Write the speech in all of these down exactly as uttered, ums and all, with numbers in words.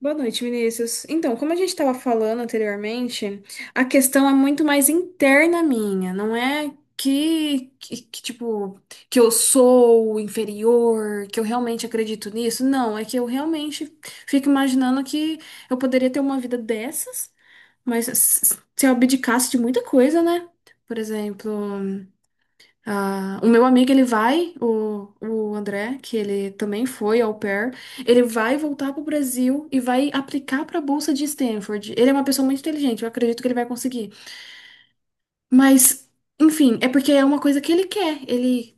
Boa noite, Vinícius. Então, como a gente estava falando anteriormente, a questão é muito mais interna minha, não é que, que, que, tipo, que eu sou inferior, que eu realmente acredito nisso. Não, é que eu realmente fico imaginando que eu poderia ter uma vida dessas, mas se se eu abdicasse de muita coisa, né? Por exemplo. Ah, o meu amigo, ele vai, o, o André, que ele também foi au pair, ele vai voltar para o Brasil e vai aplicar para a Bolsa de Stanford. Ele é uma pessoa muito inteligente, eu acredito que ele vai conseguir. Mas, enfim, é porque é uma coisa que ele quer. Ele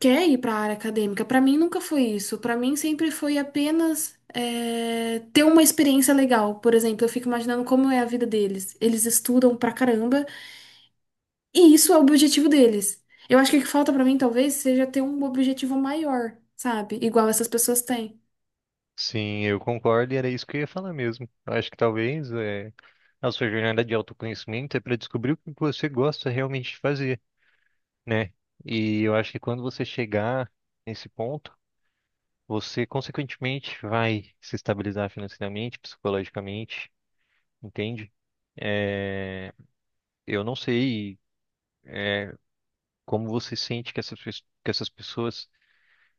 quer ir para a área acadêmica. Para mim, nunca foi isso. Para mim, sempre foi apenas é, ter uma experiência legal. Por exemplo, eu fico imaginando como é a vida deles. Eles estudam pra caramba. E isso é o objetivo deles. Eu acho que o que falta pra mim, talvez, seja ter um objetivo maior, sabe? Igual essas pessoas têm. Sim, eu concordo e era isso que eu ia falar mesmo. Eu acho que talvez é, a sua jornada de autoconhecimento é para descobrir o que você gosta realmente de fazer, né? E eu acho que quando você chegar nesse ponto, você consequentemente vai se estabilizar financeiramente, psicologicamente, entende? É, eu não sei como você sente que essas, pes- que essas pessoas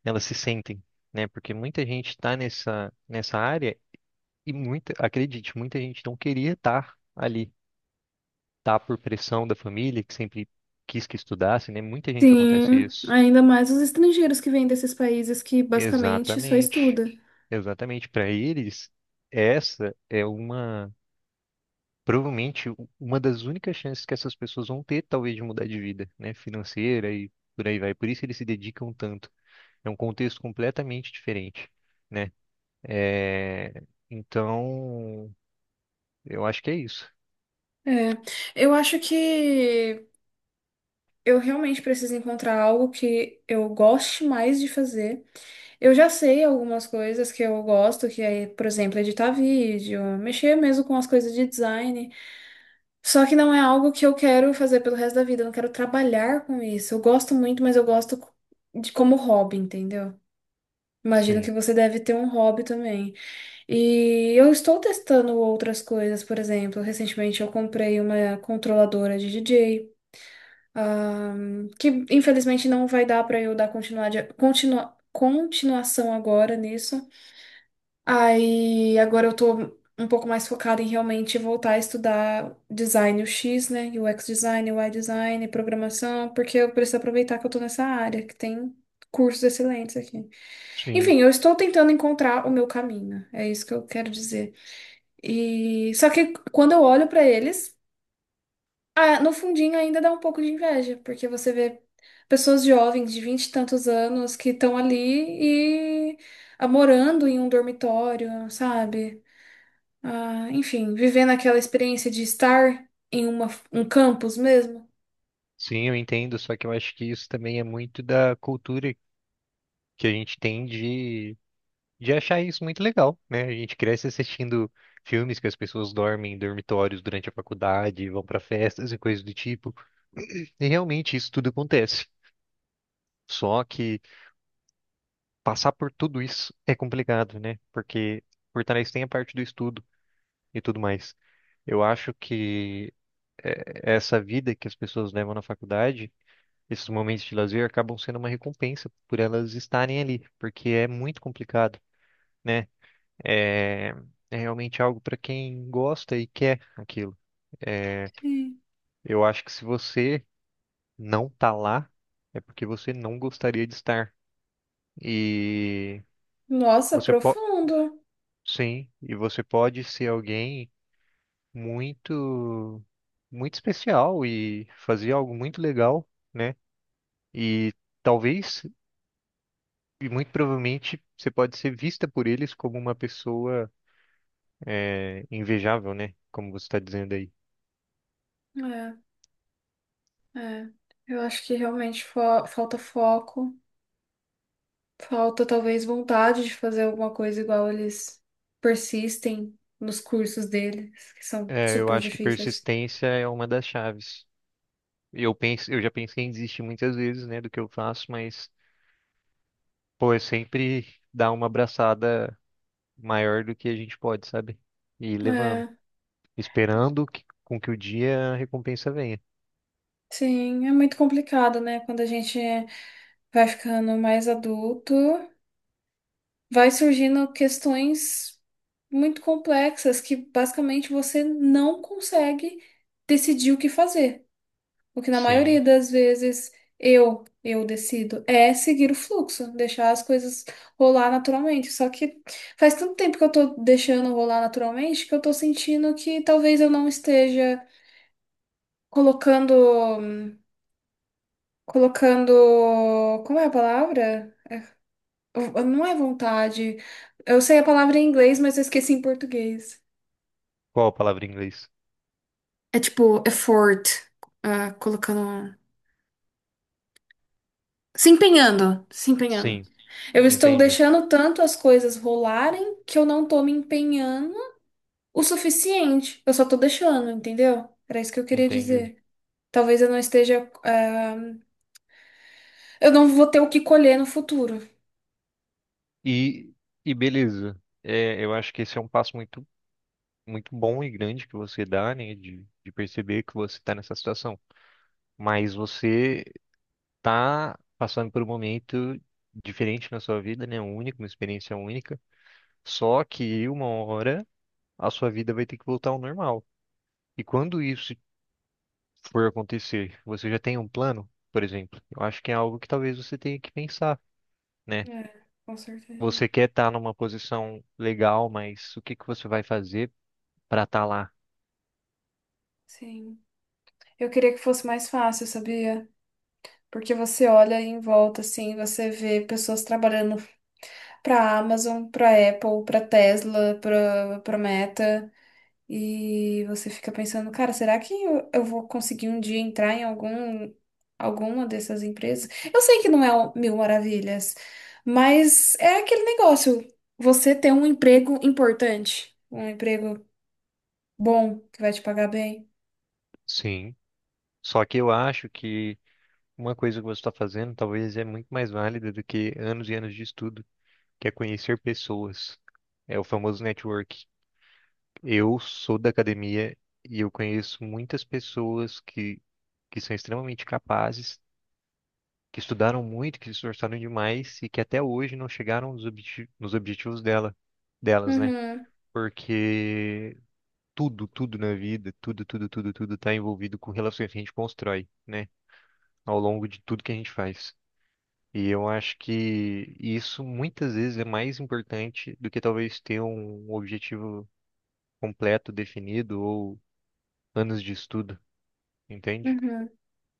elas se sentem, né? Porque muita gente está nessa, nessa área e muita, acredite, muita gente não queria estar ali, tá, por pressão da família, que sempre quis que estudasse, né? Muita gente acontece Sim, isso. ainda mais os estrangeiros que vêm desses países que basicamente só Exatamente. estuda. Exatamente. Para eles, essa é uma, provavelmente, u- uma das únicas chances que essas pessoas vão ter, talvez, de mudar de vida, né? Financeira e por aí vai. Por isso eles se dedicam tanto. É um contexto completamente diferente, né? É, Então, eu acho que é isso. É, eu acho que eu realmente preciso encontrar algo que eu goste mais de fazer. Eu já sei algumas coisas que eu gosto, que é, por exemplo, editar vídeo, mexer mesmo com as coisas de design. Só que não é algo que eu quero fazer pelo resto da vida, eu não quero trabalhar com isso. Eu gosto muito, mas eu gosto co- de como hobby, entendeu? Imagino Sim, que você deve ter um hobby também. E eu estou testando outras coisas, por exemplo, recentemente eu comprei uma controladora de D J, ah, que infelizmente não vai dar para eu dar continuidade, continua, continuação agora nisso. Aí agora eu tô um pouco mais focada em realmente voltar a estudar design U X, né? U X design, U I design, programação, porque eu preciso aproveitar que eu tô nessa área, que tem cursos excelentes aqui. sim. Enfim, eu estou tentando encontrar o meu caminho, é isso que eu quero dizer. E só que quando eu olho pra eles, ah, no fundinho ainda dá um pouco de inveja, porque você vê pessoas jovens de vinte e tantos anos que estão ali e ah, morando em um dormitório, sabe? Ah, enfim, vivendo aquela experiência de estar em uma, um campus mesmo. Sim, eu entendo, só que eu acho que isso também é muito da cultura que a gente tem de, de achar isso muito legal, né? A gente cresce assistindo filmes que as pessoas dormem em dormitórios durante a faculdade, vão para festas e coisas do tipo, e realmente isso tudo acontece. Só que passar por tudo isso é complicado, né? Porque por trás tem a parte do estudo e tudo mais. Eu acho que eh, essa vida que as pessoas levam na faculdade, esses momentos de lazer acabam sendo uma recompensa por elas estarem ali, porque é muito complicado, né? É, é realmente algo para quem gosta e quer aquilo. É, Sim. eu acho que se você não tá lá, é porque você não gostaria de estar. E Nossa, você pode, profundo. sim, e você pode ser alguém muito, muito especial e fazer algo muito legal, né? E talvez, e muito provavelmente, você pode ser vista por eles como uma pessoa é, invejável, né? Como você está dizendo aí. É, é. Eu acho que realmente fo- falta foco, falta talvez vontade de fazer alguma coisa igual eles persistem nos cursos deles, que são É, eu super acho que difíceis. persistência é uma das chaves. E Eu penso, eu já pensei em desistir muitas vezes, né, do que eu faço, mas pô, é sempre dar uma abraçada maior do que a gente pode, sabe? E ir levando, É, esperando que, com que o dia a recompensa venha. sim, é muito complicado, né? Quando a gente vai ficando mais adulto, vai surgindo questões muito complexas que basicamente você não consegue decidir o que fazer. O que na maioria Sim. das vezes eu eu decido é seguir o fluxo, deixar as coisas rolar naturalmente. Só que faz tanto tempo que eu tô deixando rolar naturalmente que eu tô sentindo que talvez eu não esteja colocando colocando, como é a palavra? Não é vontade. Eu sei a palavra em inglês, mas eu esqueci em português. Qual a palavra em inglês? É tipo effort, ah, colocando. Se empenhando, se empenhando. Sim, Eu estou entendi, deixando tanto as coisas rolarem que eu não tô me empenhando o suficiente. Eu só tô deixando, entendeu? Era isso que eu queria entendi. dizer. Talvez eu não esteja. Ah, eu não vou ter o que colher no futuro. E e beleza. É, eu acho que esse é um passo muito, muito bom e grande que você dá, né, de de perceber que você está nessa situação. Mas você tá passando por um momento diferente na sua vida, né? Único, uma experiência única. Só que uma hora a sua vida vai ter que voltar ao normal. E quando isso for acontecer, você já tem um plano, por exemplo? Eu acho que é algo que talvez você tenha que pensar, né? É, com Você certeza. quer estar numa posição legal, mas o que que você vai fazer para estar lá? Sim. Eu queria que fosse mais fácil, sabia? Porque você olha em volta, assim, você vê pessoas trabalhando para Amazon, para Apple, para Tesla, para para Meta. E você fica pensando, cara, será que eu, eu vou conseguir um dia entrar em algum, alguma dessas empresas? Eu sei que não é o mil maravilhas, mas é aquele negócio. Você ter um emprego importante, um emprego bom, que vai te pagar bem. Sim. Só que eu acho que uma coisa que você está fazendo talvez é muito mais válida do que anos e anos de estudo. Que é conhecer pessoas. É o famoso network. Eu sou da academia e eu conheço muitas pessoas que, que são extremamente capazes, que estudaram muito, que se esforçaram demais e que até hoje não chegaram nos, obje- nos objetivos dela, delas, né? Uhum, Porque tudo, tudo na vida, tudo, tudo, tudo, tudo está envolvido com relações que a gente constrói, né? Ao longo de tudo que a gente faz. E eu acho que isso muitas vezes é mais importante do que talvez ter um objetivo completo, definido ou anos de estudo, entende? uhum.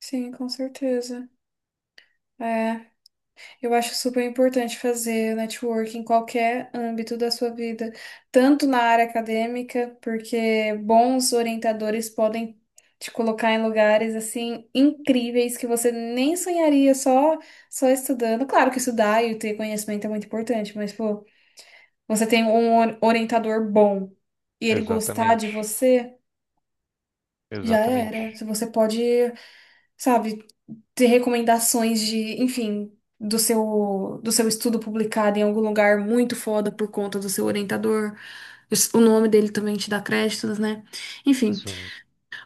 Sim, com certeza. É. Eu acho super importante fazer networking em qualquer âmbito da sua vida, tanto na área acadêmica, porque bons orientadores podem te colocar em lugares assim incríveis que você nem sonharia só só estudando. Claro que estudar e ter conhecimento é muito importante, mas pô, você tem um or- orientador bom e ele gostar de Exatamente, você, já era. exatamente. Você pode, sabe, ter recomendações de, enfim, do seu do seu estudo publicado em algum lugar muito foda por conta do seu orientador. O nome dele também te dá créditos, né? Enfim, Sim,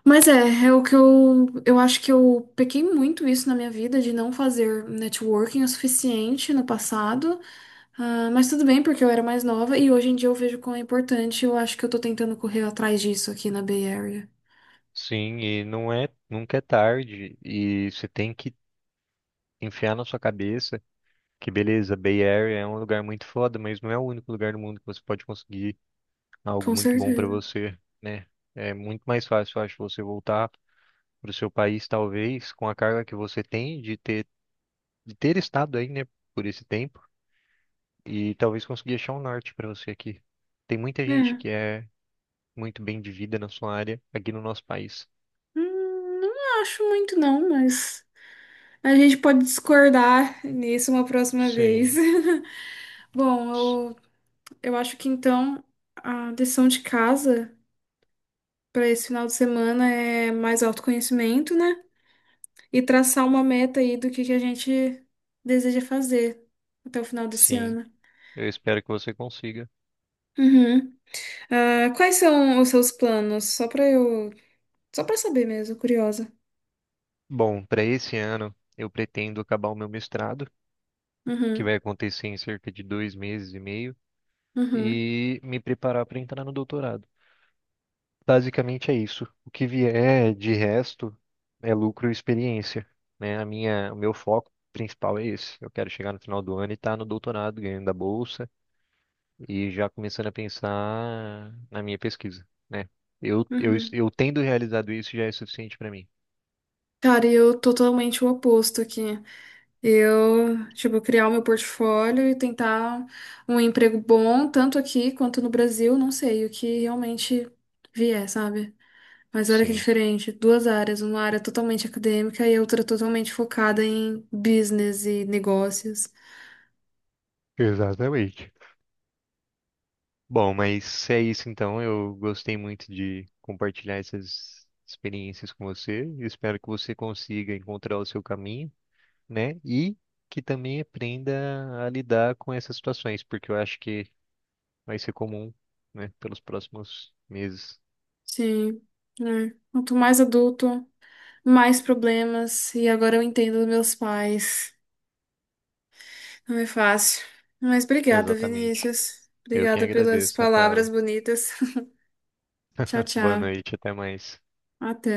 mas é, é o que eu eu acho que eu pequei muito isso na minha vida de não fazer networking o suficiente no passado. Ah, mas tudo bem, porque eu era mais nova e hoje em dia eu vejo quão é importante. Eu acho que eu tô tentando correr atrás disso aqui na Bay Area. sim, e não é, nunca é tarde, e você tem que enfiar na sua cabeça que, beleza, Bay Area é um lugar muito foda, mas não é o único lugar do mundo que você pode conseguir algo Com muito bom pra certeza. você, né? É muito mais fácil, eu acho, você voltar pro seu país, talvez, com a carga que você tem de ter, de ter estado aí, né, por esse tempo, e talvez conseguir achar um norte para você aqui. Tem muita gente É. que é muito bem de vida na sua área aqui no nosso país. Hum, não acho muito não, mas a gente pode discordar nisso uma próxima vez. Sim, Bom, s- eu, eu acho que então a lição de casa para esse final de semana é mais autoconhecimento, né? E traçar uma meta aí do que, que a gente deseja fazer até o final desse sim. ano. Eu espero que você consiga. Uhum. Ah, quais são os seus planos? Só para eu, só para saber mesmo, curiosa. Bom, para esse ano eu pretendo acabar o meu mestrado, que Uhum, vai acontecer em cerca de dois meses e meio, uhum, e me preparar para entrar no doutorado. Basicamente é isso. O que vier de resto é lucro e experiência, né? A minha, o meu foco principal é esse. Eu quero chegar no final do ano e estar no doutorado, ganhando a bolsa e já começando a pensar na minha pesquisa, né? Eu, eu, uhum. eu tendo realizado isso já é suficiente para mim. Cara, eu totalmente o oposto aqui. Eu, tipo, criar o meu portfólio e tentar um emprego bom, tanto aqui quanto no Brasil, não sei, o que realmente vier, sabe? Mas olha que Sim, diferente, duas áreas, uma área totalmente acadêmica e outra totalmente focada em business e negócios. exatamente. Bom, mas é isso então. Eu gostei muito de compartilhar essas experiências com você. Eu espero que você consiga encontrar o seu caminho, né? E que também aprenda a lidar com essas situações, porque eu acho que vai ser comum, né, pelos próximos meses. Sim, né? Quanto mais adulto, mais problemas, e agora eu entendo dos meus pais. Não é fácil. Mas obrigada, Exatamente. Vinícius. Eu quem Obrigada pelas agradeço, palavras Rafaela. bonitas. Tchau, Boa tchau. noite, até mais. Até.